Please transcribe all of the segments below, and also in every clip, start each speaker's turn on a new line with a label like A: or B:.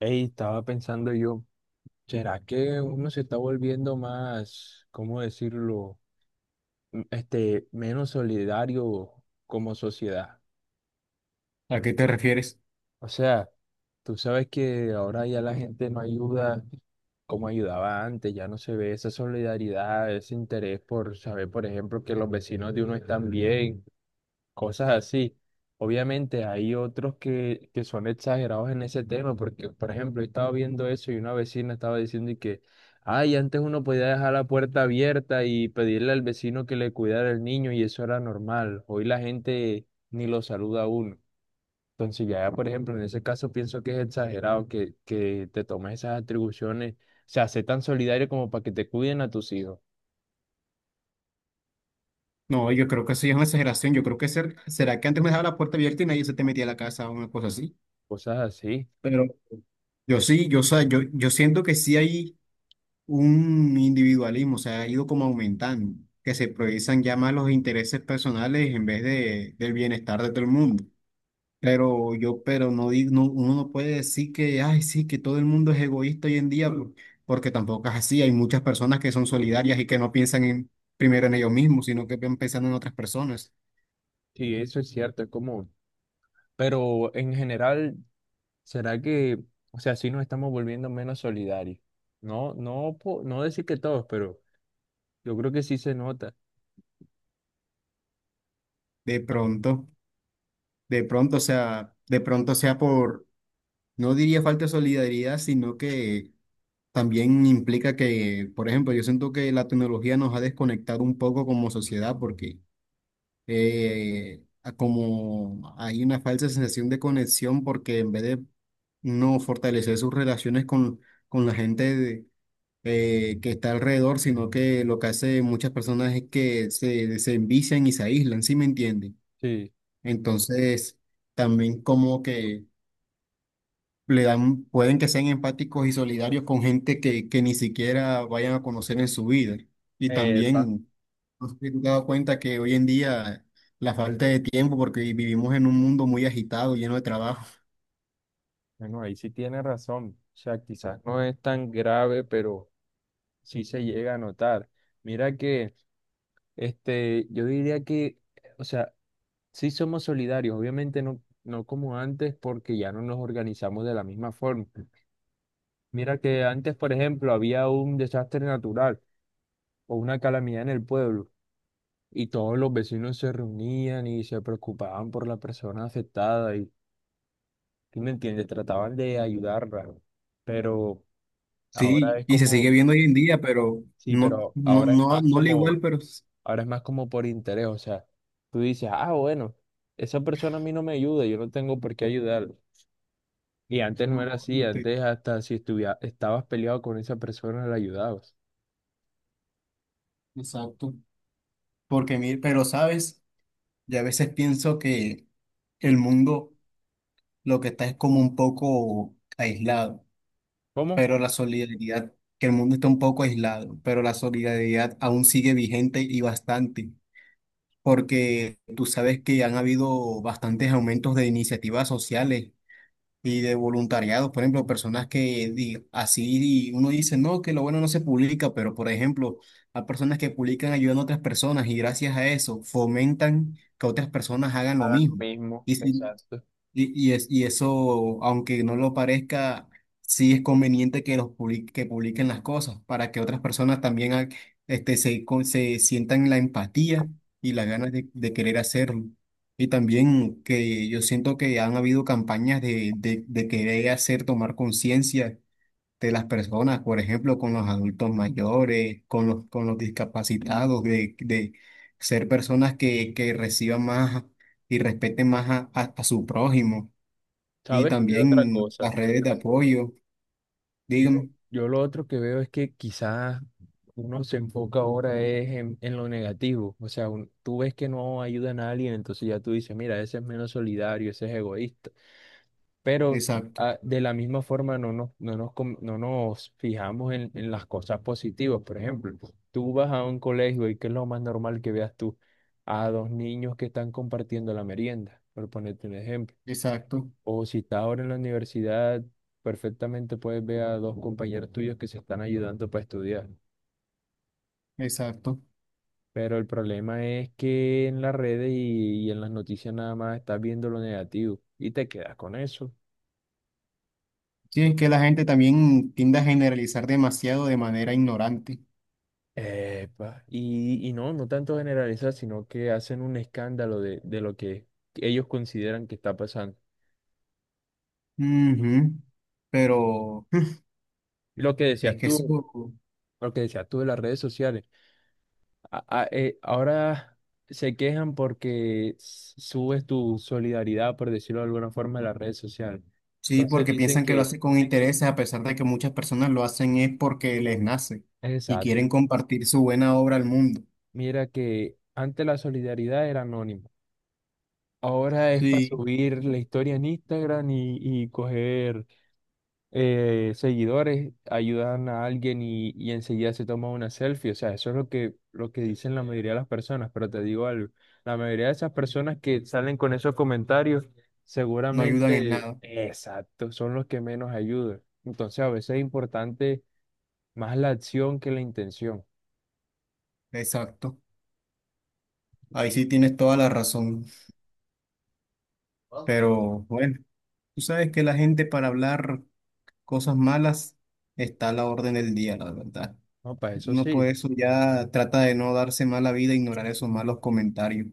A: Ey, estaba pensando yo, ¿será que uno se está volviendo más, cómo decirlo, menos solidario como sociedad?
B: ¿A qué te refieres?
A: O sea, tú sabes que ahora ya la gente no ayuda como ayudaba antes, ya no se ve esa solidaridad, ese interés por saber, por ejemplo, que los vecinos de uno están bien, cosas así. Obviamente hay otros que son exagerados en ese tema, porque por ejemplo, he estado viendo eso y una vecina estaba diciendo y que, ay, antes uno podía dejar la puerta abierta y pedirle al vecino que le cuidara el niño y eso era normal. Hoy la gente ni lo saluda a uno. Entonces ya, por ejemplo, en ese caso pienso que es exagerado que te tomes esas atribuciones, o sea, sé tan solidario como para que te cuiden a tus hijos,
B: No, yo creo que eso ya es una exageración. Yo creo que será que antes me dejaba la puerta abierta y nadie se te metía a la casa o una cosa así.
A: cosas así.
B: Pero yo sí, yo, o sea, yo siento que sí hay un individualismo, o sea, ha ido como aumentando, que se priorizan ya más los intereses personales del bienestar de todo el mundo. Pero no, digo, no, uno no puede decir que, ay, sí, que todo el mundo es egoísta hoy en día, porque tampoco es así. Hay muchas personas que son solidarias y que no piensan primero en ellos mismos, sino que piensan en otras personas.
A: Sí, eso es cierto, es como... Pero en general, ¿será que, o sea, sí nos estamos volviendo menos solidarios? No, no, no decir que todos, pero yo creo que sí se nota.
B: De
A: Ah,
B: pronto, de pronto sea no diría falta de solidaridad, sino que también implica que, por ejemplo, yo siento que la tecnología nos ha desconectado un poco como sociedad porque como hay una falsa sensación de conexión porque en vez de no fortalecer sus relaciones con la gente que está alrededor, sino que lo que hace muchas personas es que se envician y se aíslan, ¿sí me entienden?
A: sí.
B: Entonces, también como que le dan, pueden que sean empáticos y solidarios con gente que ni siquiera vayan a conocer en su vida. Y
A: Epa.
B: también nos hemos dado cuenta que hoy en día la falta de tiempo, porque vivimos en un mundo muy agitado, lleno de trabajo.
A: Bueno, ahí sí tiene razón. O sea, quizás no es tan grave, pero sí se llega a notar. Mira que, yo diría que, o sea, sí somos solidarios, obviamente no, no como antes, porque ya no nos organizamos de la misma forma. Mira que antes, por ejemplo, había un desastre natural o una calamidad en el pueblo, y todos los vecinos se reunían y se preocupaban por la persona afectada y, ¿sí me entiendes? Trataban de ayudarla, pero ahora
B: Sí,
A: es
B: y se sigue
A: como,
B: viendo hoy en día, pero
A: sí,
B: no,
A: pero
B: no,
A: ahora es
B: no,
A: más
B: no le
A: como,
B: igual, pero s-
A: ahora es más como por interés, o sea, tú dices, ah, bueno, esa persona a mí no me ayuda, yo no tengo por qué ayudarla. Y antes no
B: no,
A: era así,
B: no estoy-
A: antes hasta si estuviera, estabas peleado con esa persona la ayudabas.
B: exacto. Pero sabes, ya a veces pienso que el mundo lo que está es como un poco aislado,
A: ¿Cómo?
B: pero la solidaridad, que el mundo está un poco aislado, pero la solidaridad aún sigue vigente y bastante, porque tú sabes que han habido bastantes aumentos de iniciativas sociales y de voluntariados, por ejemplo, personas que di- así y uno dice, no, que lo bueno no se publica, pero por ejemplo, hay personas que publican ayudando a otras personas y gracias a eso fomentan que otras personas hagan lo
A: Hagan lo
B: mismo.
A: mismo,
B: Y si
A: exacto.
B: y, y, es, y eso, aunque no lo parezca, sí es conveniente que publiquen las cosas para que otras personas también ha- este, se, con- se sientan la empatía y las ganas de querer hacerlo. Y también que yo siento que han habido campañas de querer hacer tomar conciencia de las personas, por ejemplo, con los adultos mayores, con los discapacitados, de ser personas que reciban más y respeten más a, a su prójimo. Y
A: ¿Sabes qué otra
B: también
A: cosa?
B: las redes de apoyo,
A: Yo,
B: dígame.
A: yo lo otro que veo es que quizás uno se enfoca ahora es en lo negativo. O sea, tú ves que no ayuda a nadie, entonces ya tú dices, mira, ese es menos solidario, ese es egoísta. Pero
B: Exacto,
A: ah, de la misma forma no nos fijamos en las cosas positivas. Por ejemplo, tú vas a un colegio y ¿qué es lo más normal que veas tú? A dos niños que están compartiendo la merienda, por ponerte un ejemplo.
B: exacto,
A: O si estás ahora en la universidad, perfectamente puedes ver a dos compañeros tuyos que se están ayudando para estudiar.
B: exacto.
A: Pero el problema es que en las redes y en las noticias nada más estás viendo lo negativo y te quedas con eso.
B: Sí, es que la gente también tiende a generalizar demasiado de manera ignorante.
A: Epa. Y no, no tanto generalizar, sino que hacen un escándalo de lo que ellos consideran que está pasando.
B: Ujú, pero
A: Lo que
B: es
A: decías
B: que eso,
A: tú, lo que decías tú de las redes sociales. Ahora se quejan porque subes tu solidaridad, por decirlo de alguna forma, en las redes sociales.
B: sí,
A: Entonces
B: porque
A: dicen
B: piensan que lo
A: que,
B: hacen con intereses, a pesar de que muchas personas lo hacen es porque les nace y
A: exacto,
B: quieren compartir su buena obra al mundo.
A: mira que antes la solidaridad era anónima. Ahora es para
B: Sí,
A: subir la historia en Instagram y coger seguidores, ayudan a alguien y enseguida se toma una selfie. O sea, eso es lo que dicen la mayoría de las personas, pero te digo algo, la mayoría de esas personas que salen con esos comentarios,
B: no ayudan en
A: seguramente,
B: nada.
A: exacto, son los que menos ayudan. Entonces, a veces es importante más la acción que la intención.
B: Exacto. Ahí sí tienes toda la razón. Pero bueno, tú sabes que la gente para hablar cosas malas está a la orden del día, la verdad.
A: No, para eso
B: Uno por
A: sí,
B: eso ya trata de no darse mala vida, ignorar esos malos comentarios,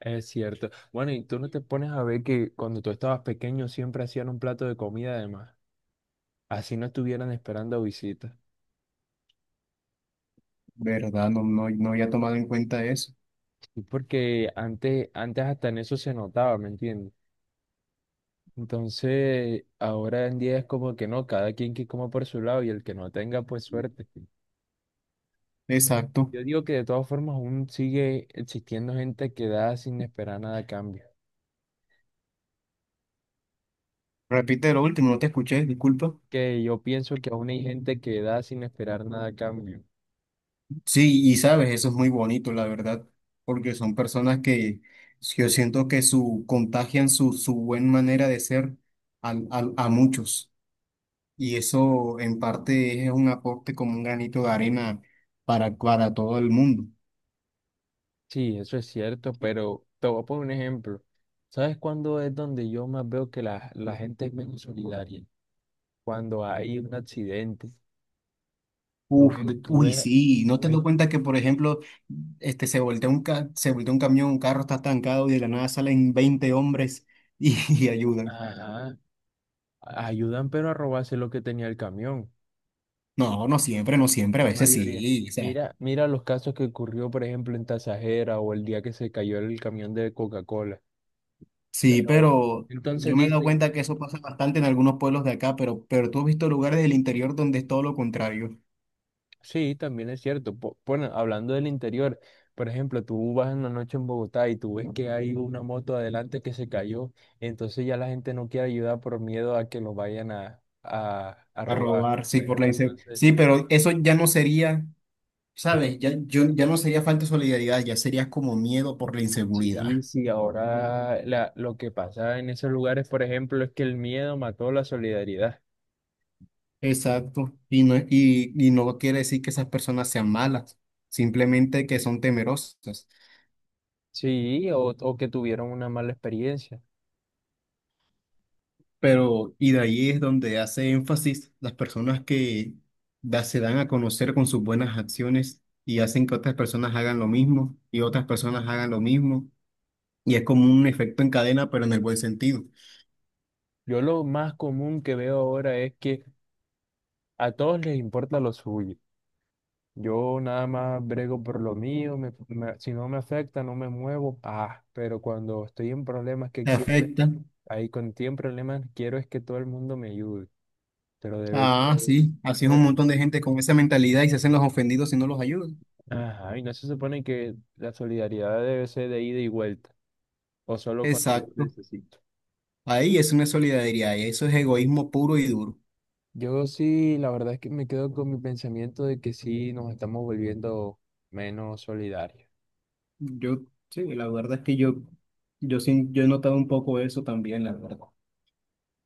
A: es cierto. Bueno, ¿y tú no te pones a ver que cuando tú estabas pequeño siempre hacían un plato de comida además, así no estuvieran esperando visitas?
B: ¿verdad? No, no había tomado en cuenta eso.
A: Y porque antes, antes hasta en eso se notaba, ¿me entiendes? Entonces, ahora en día es como que no, cada quien que coma por su lado y el que no tenga, pues suerte.
B: Exacto.
A: Yo digo que de todas formas aún sigue existiendo gente que da sin esperar nada a cambio.
B: Repite lo último, no te escuché, disculpa.
A: Que yo pienso que aún hay gente que da sin esperar nada a cambio.
B: Sí, y sabes, eso es muy bonito, la verdad, porque son personas que yo siento que su contagian su buena manera de ser a muchos. Y eso en parte es un aporte como un granito de arena para todo el mundo.
A: Sí, eso es cierto, pero te voy a poner un ejemplo. ¿Sabes cuándo es donde yo más veo que la gente es menos solidaria? Cuando hay un accidente. Tú ves, tú ves-
B: Sí, ¿no
A: tú
B: te
A: ves
B: das cuenta que, por ejemplo, se voltea un camión, un carro está estancado y de la nada salen 20 hombres y, y ayudan?
A: Ajá, ayudan pero a robarse lo que tenía el camión,
B: No, no siempre, no siempre, a
A: la
B: veces
A: mayoría.
B: sí, o sea,
A: Mira, mira los casos que ocurrió, por ejemplo, en Tasajera o el día que se cayó el camión de Coca-Cola. Pero
B: sí, pero
A: entonces
B: yo me he dado
A: dice,
B: cuenta que eso pasa bastante en algunos pueblos de acá, pero tú has visto lugares del interior donde es todo lo contrario,
A: sí, también es cierto. Bueno, hablando del interior, por ejemplo, tú vas en la noche en Bogotá y tú ves que hay una moto adelante que se cayó, entonces ya la gente no quiere ayudar por miedo a que lo vayan a
B: a
A: robar,
B: robar, sí,
A: por ejemplo. Entonces
B: sí, pero eso ya no sería, ¿sabes? Ya no sería falta de solidaridad, ya sería como miedo por la
A: sí,
B: inseguridad.
A: sí, ahora lo que pasa en esos lugares, por ejemplo, es que el miedo mató la solidaridad.
B: Exacto. Y no quiere decir que esas personas sean malas, simplemente que son temerosas.
A: Sí, o que tuvieron una mala experiencia.
B: Pero, y de ahí es donde hace énfasis las personas que se dan a conocer con sus buenas acciones y hacen que otras personas hagan lo mismo y otras personas hagan lo mismo. Y es como un efecto en cadena, pero en el buen sentido.
A: Yo lo más común que veo ahora es que a todos les importa lo suyo. Yo nada más brego por lo mío, si no me afecta, no me muevo. Ah, pero cuando estoy en problemas que
B: Te
A: quiero,
B: afecta.
A: ahí con tiempo problemas quiero es que todo el mundo me ayude. Pero debe ser,
B: Ah, sí. Así es
A: no
B: un
A: de-
B: montón de gente con esa mentalidad y se hacen los ofendidos si no los ayudan.
A: ajá, y no se supone que la solidaridad debe ser de ida y vuelta, o solo cuando yo
B: Exacto.
A: necesito.
B: Ahí es una solidaridad y eso es egoísmo puro y duro.
A: Yo sí, la verdad es que me quedo con mi pensamiento de que sí nos estamos volviendo menos solidarios.
B: Yo, sí, la verdad es que yo he notado un poco eso también, la verdad.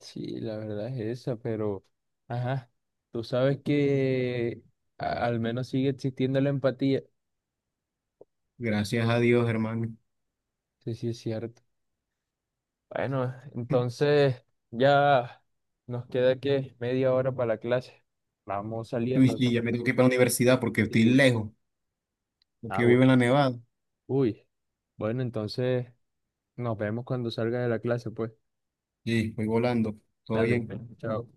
A: Sí, la verdad es esa, pero, ajá, tú sabes que al menos sigue existiendo la empatía.
B: Gracias a Dios, hermano.
A: Sí, sí, es cierto. Bueno, entonces ya nos queda que media hora para la clase. Vamos
B: Tú y
A: saliendo.
B: Sí, ya me tengo que ir para la universidad porque estoy
A: Sí.
B: lejos, porque
A: Ah,
B: yo vivo
A: bueno.
B: en la Nevada.
A: Uy. Bueno, entonces nos vemos cuando salga de la clase, pues.
B: Sí, voy volando. Todo
A: Dale,
B: bien.
A: chao.